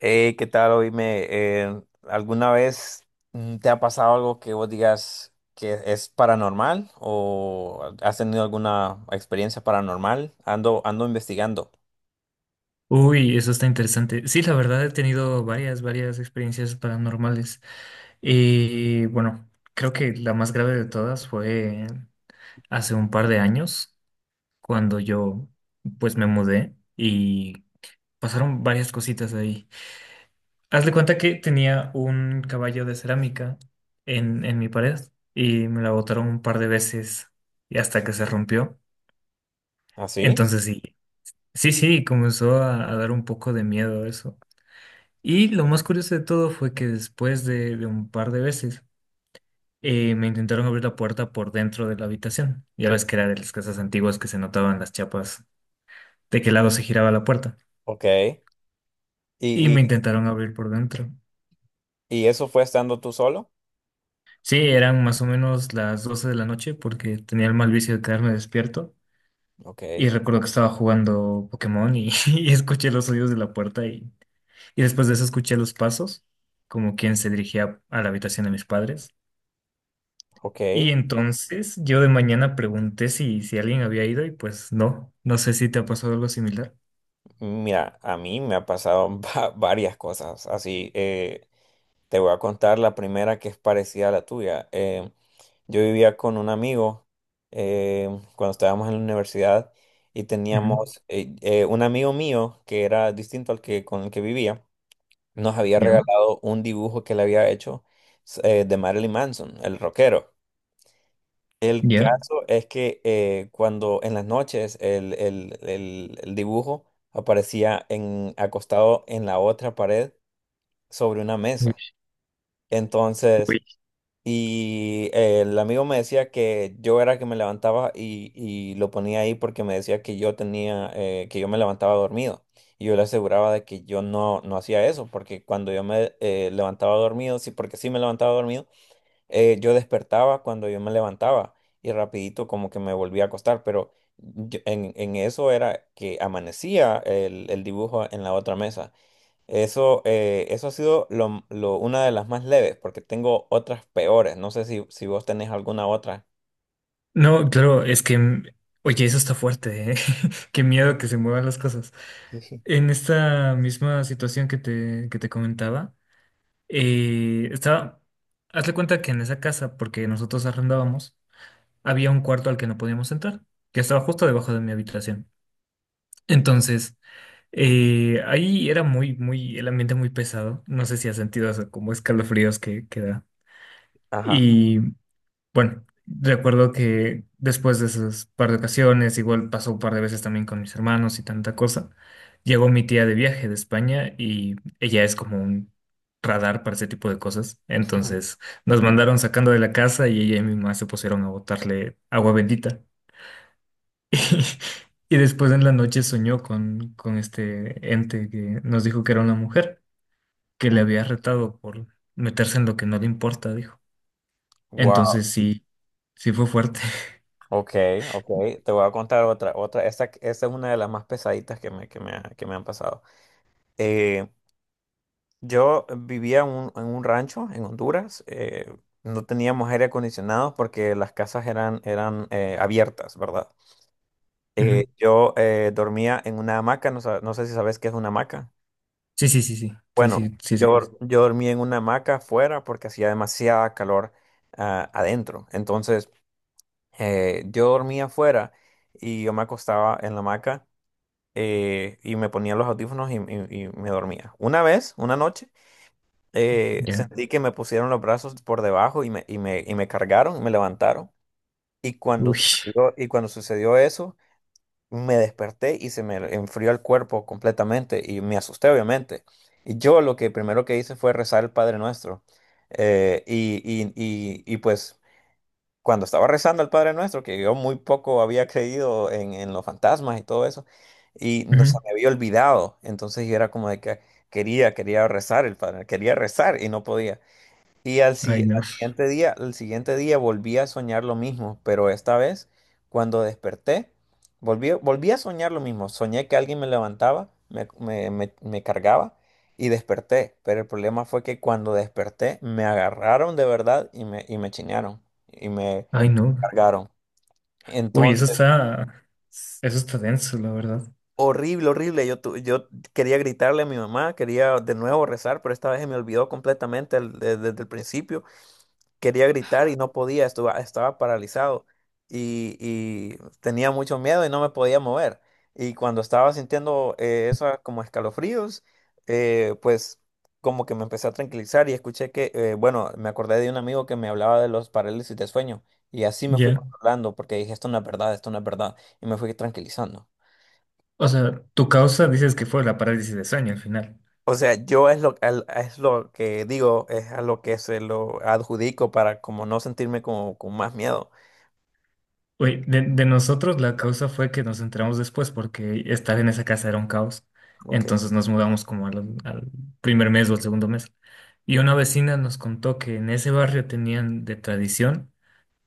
Hey, ¿qué tal? Oíme, ¿alguna vez te ha pasado algo que vos digas que es paranormal o has tenido alguna experiencia paranormal? Ando investigando. Uy, eso está interesante. Sí, la verdad he tenido varias experiencias paranormales. Y bueno, creo que la más grave de todas fue hace un par de años, cuando yo pues me mudé y pasaron varias cositas ahí. Haz de cuenta que tenía un caballo de cerámica en mi pared y me la botaron un par de veces y hasta que se rompió. ¿Ah, sí? Entonces sí, sí, sí, comenzó a dar un poco de miedo eso. Y lo más curioso de todo fue que después de un par de veces, me intentaron abrir la puerta por dentro de la habitación. Ya ves que era de las casas antiguas que se notaban las chapas de qué lado se giraba la puerta. Ok. Y me y, intentaron abrir por dentro. y eso fue estando tú solo? Sí, eran más o menos las 12 de la noche porque tenía el mal vicio de quedarme despierto. Ok, Y recuerdo que estaba jugando Pokémon y, y escuché los sonidos de la puerta y después de eso escuché los pasos, como quien se dirigía a la habitación de mis padres. ok. Y entonces yo de mañana pregunté si, si alguien había ido y pues no, no sé si te ha pasado algo similar. Mira, a mí me ha pasado varias cosas. Así, te voy a contar la primera que es parecida a la tuya. Yo vivía con un amigo eh, cuando estábamos en la universidad y Ujú. teníamos un amigo mío que era distinto al que con el que vivía, nos había Ya, regalado un dibujo que le había hecho de Marilyn Manson, el rockero. El ya. caso es que cuando en las noches el dibujo aparecía acostado en la otra pared sobre una mesa. Uy. Entonces, Uy. y el amigo me decía que yo era el que me levantaba y lo ponía ahí porque me decía que yo me levantaba dormido. Y yo le aseguraba de que yo no hacía eso, porque cuando yo me levantaba dormido, sí, porque sí me levantaba dormido, yo despertaba cuando yo me levantaba y rapidito como que me volvía a acostar. Pero en eso era que amanecía el dibujo en la otra mesa. Eso ha sido una de las más leves, porque tengo otras peores. No sé si vos tenés alguna otra. No, claro, es que, oye, eso está fuerte, ¿eh? Qué miedo que se muevan las cosas. Sí. En esta misma situación que te comentaba, estaba, hazle cuenta que en esa casa, porque nosotros arrendábamos, había un cuarto al que no podíamos entrar, que estaba justo debajo de mi habitación. Entonces, ahí era el ambiente muy pesado. No sé si has sentido eso, como escalofríos que da. Ajá. Y bueno, recuerdo que después de esas par de ocasiones, igual pasó un par de veces también con mis hermanos y tanta cosa, llegó mi tía de viaje de España y ella es como un radar para ese tipo de cosas. Ujú. Entonces, nos mandaron sacando de la casa y ella y mi mamá se pusieron a botarle agua bendita. Y después en la noche soñó con este ente que nos dijo que era una mujer, que le Mm. había retado por meterse en lo que no le importa, dijo. Wow. Entonces sí, sí fue fuerte. Ok, ok. Te voy a contar otra, otra. Esta es una de las más pesaditas que me han pasado. Eh, yo vivía en en un rancho en Honduras. No teníamos aire acondicionado porque las casas eran abiertas, ¿verdad? Ujú. Yo dormía en una hamaca. No, no sé si sabes qué es una hamaca. Sí, sí, sí, sí, sí, Bueno, sí, sí, sé que es. yo, yo dormí en una hamaca afuera porque hacía demasiada calor adentro. Entonces, yo dormía afuera y yo me acostaba en la hamaca y me ponía los audífonos y me dormía. Una vez, una noche, Ya. sentí que me pusieron los brazos por debajo y me cargaron, me levantaron. Y cuando Uy. sucedió, y cuando sucedió eso, me desperté y se me enfrió el cuerpo completamente y me asusté obviamente. Y yo lo que primero que hice fue rezar el Padre Nuestro. Y pues cuando estaba rezando el Padre Nuestro, que yo muy poco había creído en los fantasmas y todo eso, y no se Ujú. me había olvidado. Entonces yo era como de que quería rezar el Padre, quería rezar y no podía. Y al, si- Ay, no. Al siguiente día volví a soñar lo mismo, pero esta vez, cuando desperté, volví a soñar lo mismo. Soñé que alguien me levantaba, me cargaba y desperté. Pero el problema fue que cuando desperté, me agarraron de verdad y me chinearon y me Ay, no. cargaron. Uy, Entonces, eso está denso, la verdad. horrible, horrible. Yo quería gritarle a mi mamá, quería de nuevo rezar, pero esta vez se me olvidó completamente desde el principio. Quería gritar y no podía, estaba paralizado y tenía mucho miedo y no me podía mover. Y cuando estaba sintiendo eso como escalofríos, pues como que me empecé a tranquilizar y escuché que, bueno, me acordé de un amigo que me hablaba de los parálisis de sueño y así me fui Ya. controlando porque dije, esto no es verdad, esto no es verdad y me fui tranquilizando. O sea, tu causa dices que fue la parálisis de sueño al final. O sea, yo es lo, al- es lo que digo, es a lo que se lo adjudico para como no sentirme como con más miedo. Oye, de nosotros la causa fue que nos enteramos después porque estar en esa casa era un caos. Ok, Entonces nos mudamos como al primer mes o al segundo mes. Y una vecina nos contó que en ese barrio tenían de tradición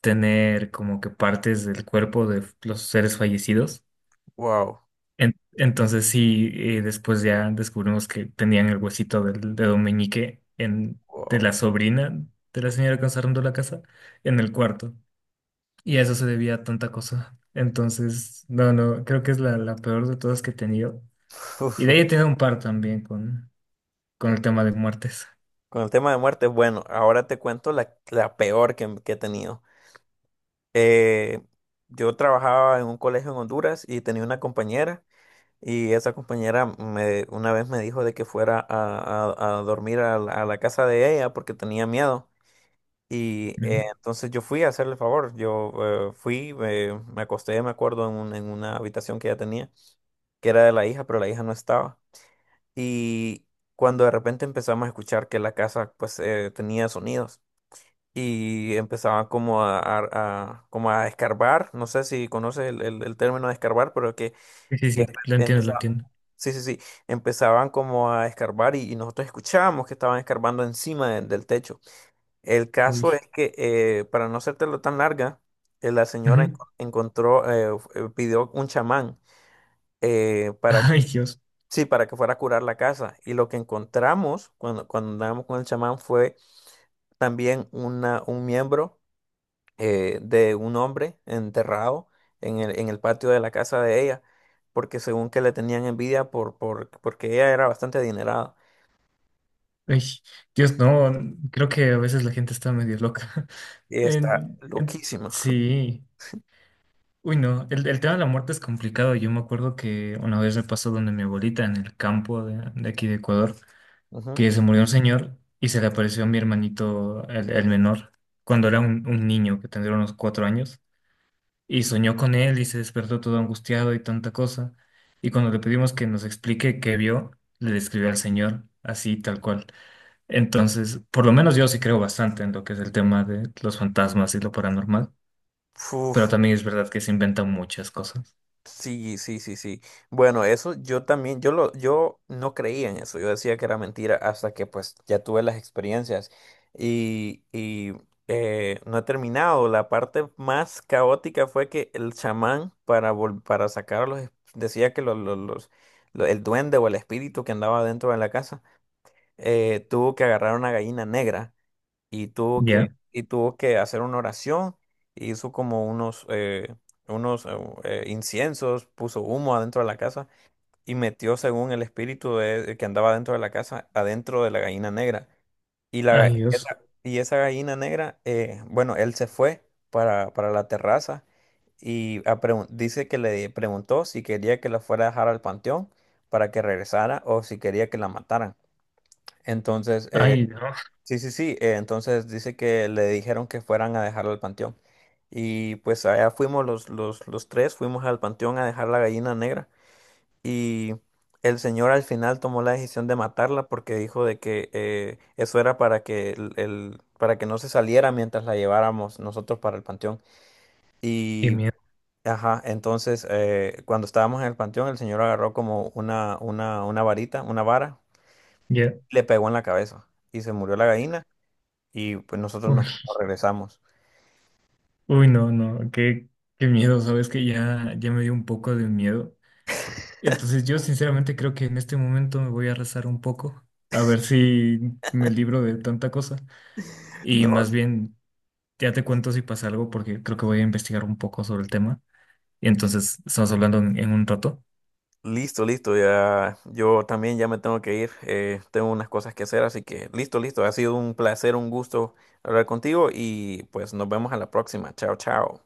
tener como que partes del cuerpo de los seres fallecidos. wow. Entonces sí, después ya descubrimos que tenían el huesito del dedo meñique en, de Wow. la sobrina de la señora que nos arrendó la casa en el cuarto. Y a eso se debía a tanta cosa. Entonces, no, no, creo que es la peor de todas que he tenido. Y de ahí he tenido un par también con el tema de muertes. Con el tema de muerte, bueno, ahora te cuento la peor que he tenido. Eh, yo trabajaba en un colegio en Honduras y tenía una compañera y esa compañera una vez me dijo de que fuera a dormir a la casa de ella porque tenía miedo. Y Ujú. eh, entonces yo fui a hacerle el favor, yo fui, me acosté, me acuerdo, en una habitación que ella tenía, que era de la hija, pero la hija no estaba. Y cuando de repente empezamos a escuchar que la casa pues tenía sonidos y empezaba como a escarbar, no sé si conoces el término de escarbar, pero que Sí, sí, que sí, lo entiendo, lo empezaba, entiendo. sí, sí, sí, empezaban como a escarbar y nosotros escuchábamos que estaban escarbando encima del techo. El caso Uy. es que para no hacértelo tan larga, la señora Ujú. Pidió un chamán para Ay, Dios. Sí, para que fuera a curar la casa. Y lo que encontramos cuando andábamos con el chamán fue también un miembro de un hombre enterrado en el patio de la casa de ella, porque según que le tenían envidia porque ella era bastante adinerada. Ay, Dios, no, creo que a veces la gente está medio loca. Y está loquísima. Sí. Uy, no, el tema de la muerte es complicado. Yo me acuerdo que una vez me pasó donde mi abuelita en el campo de aquí de Ecuador. Ujú. Que se murió un señor y se le apareció a mi hermanito, el menor, cuando era un niño que tendría unos 4 años, y soñó con él y se despertó todo angustiado y tanta cosa. Y cuando le pedimos que nos explique qué vio, le describió al señor así, tal cual. Entonces, por lo menos yo sí creo bastante en lo que es el tema de los fantasmas y lo paranormal, pero Uf, también es verdad que se inventan muchas cosas. sí, sí, sí, sí. Bueno, eso yo también, yo no creía en eso. Yo decía que era mentira hasta que pues ya tuve las experiencias. Y no he terminado. La parte más caótica fue que el chamán para sacarlos decía que el duende o el espíritu que andaba dentro de la casa tuvo que agarrar una gallina negra Ya. y tuvo que hacer una oración, e hizo como unos inciensos, puso humo adentro de la casa y metió según el espíritu que andaba dentro de la casa, adentro de la gallina negra. Y, la, ga- Ay, Dios. Y esa gallina negra, bueno, él se fue para la terraza y dice que le preguntó si quería que la fuera a dejar al panteón para que regresara o si quería que la mataran. Entonces, eh, Ay, no. Sí, sí, sí. Entonces dice que le dijeron que fueran a dejarla al panteón. Y pues allá fuimos los tres, fuimos al panteón a dejar la gallina negra. Y el señor al final tomó la decisión de matarla porque dijo de que eso era para que para que no se saliera mientras la lleváramos nosotros para el panteón. Qué Y, miedo. ajá, entonces cuando estábamos en el panteón, el señor agarró como una varita, una vara, Ya. le pegó en la cabeza. Y se murió la gallina y pues nosotros Uy. nos regresamos. Uy, no, no, qué, qué miedo, sabes que ya, ya me dio un poco de miedo. Entonces yo sinceramente creo que en este momento me voy a rezar un poco, a ver si me libro de tanta cosa. Y No, más bien, ya te cuento si pasa algo, porque creo que voy a investigar un poco sobre el tema. Y entonces estamos hablando en un rato. listo, listo, ya yo también ya me tengo que ir, tengo unas cosas que hacer, así que listo, listo, ha sido un placer, un gusto hablar contigo y pues nos vemos a la próxima. Chao, chao.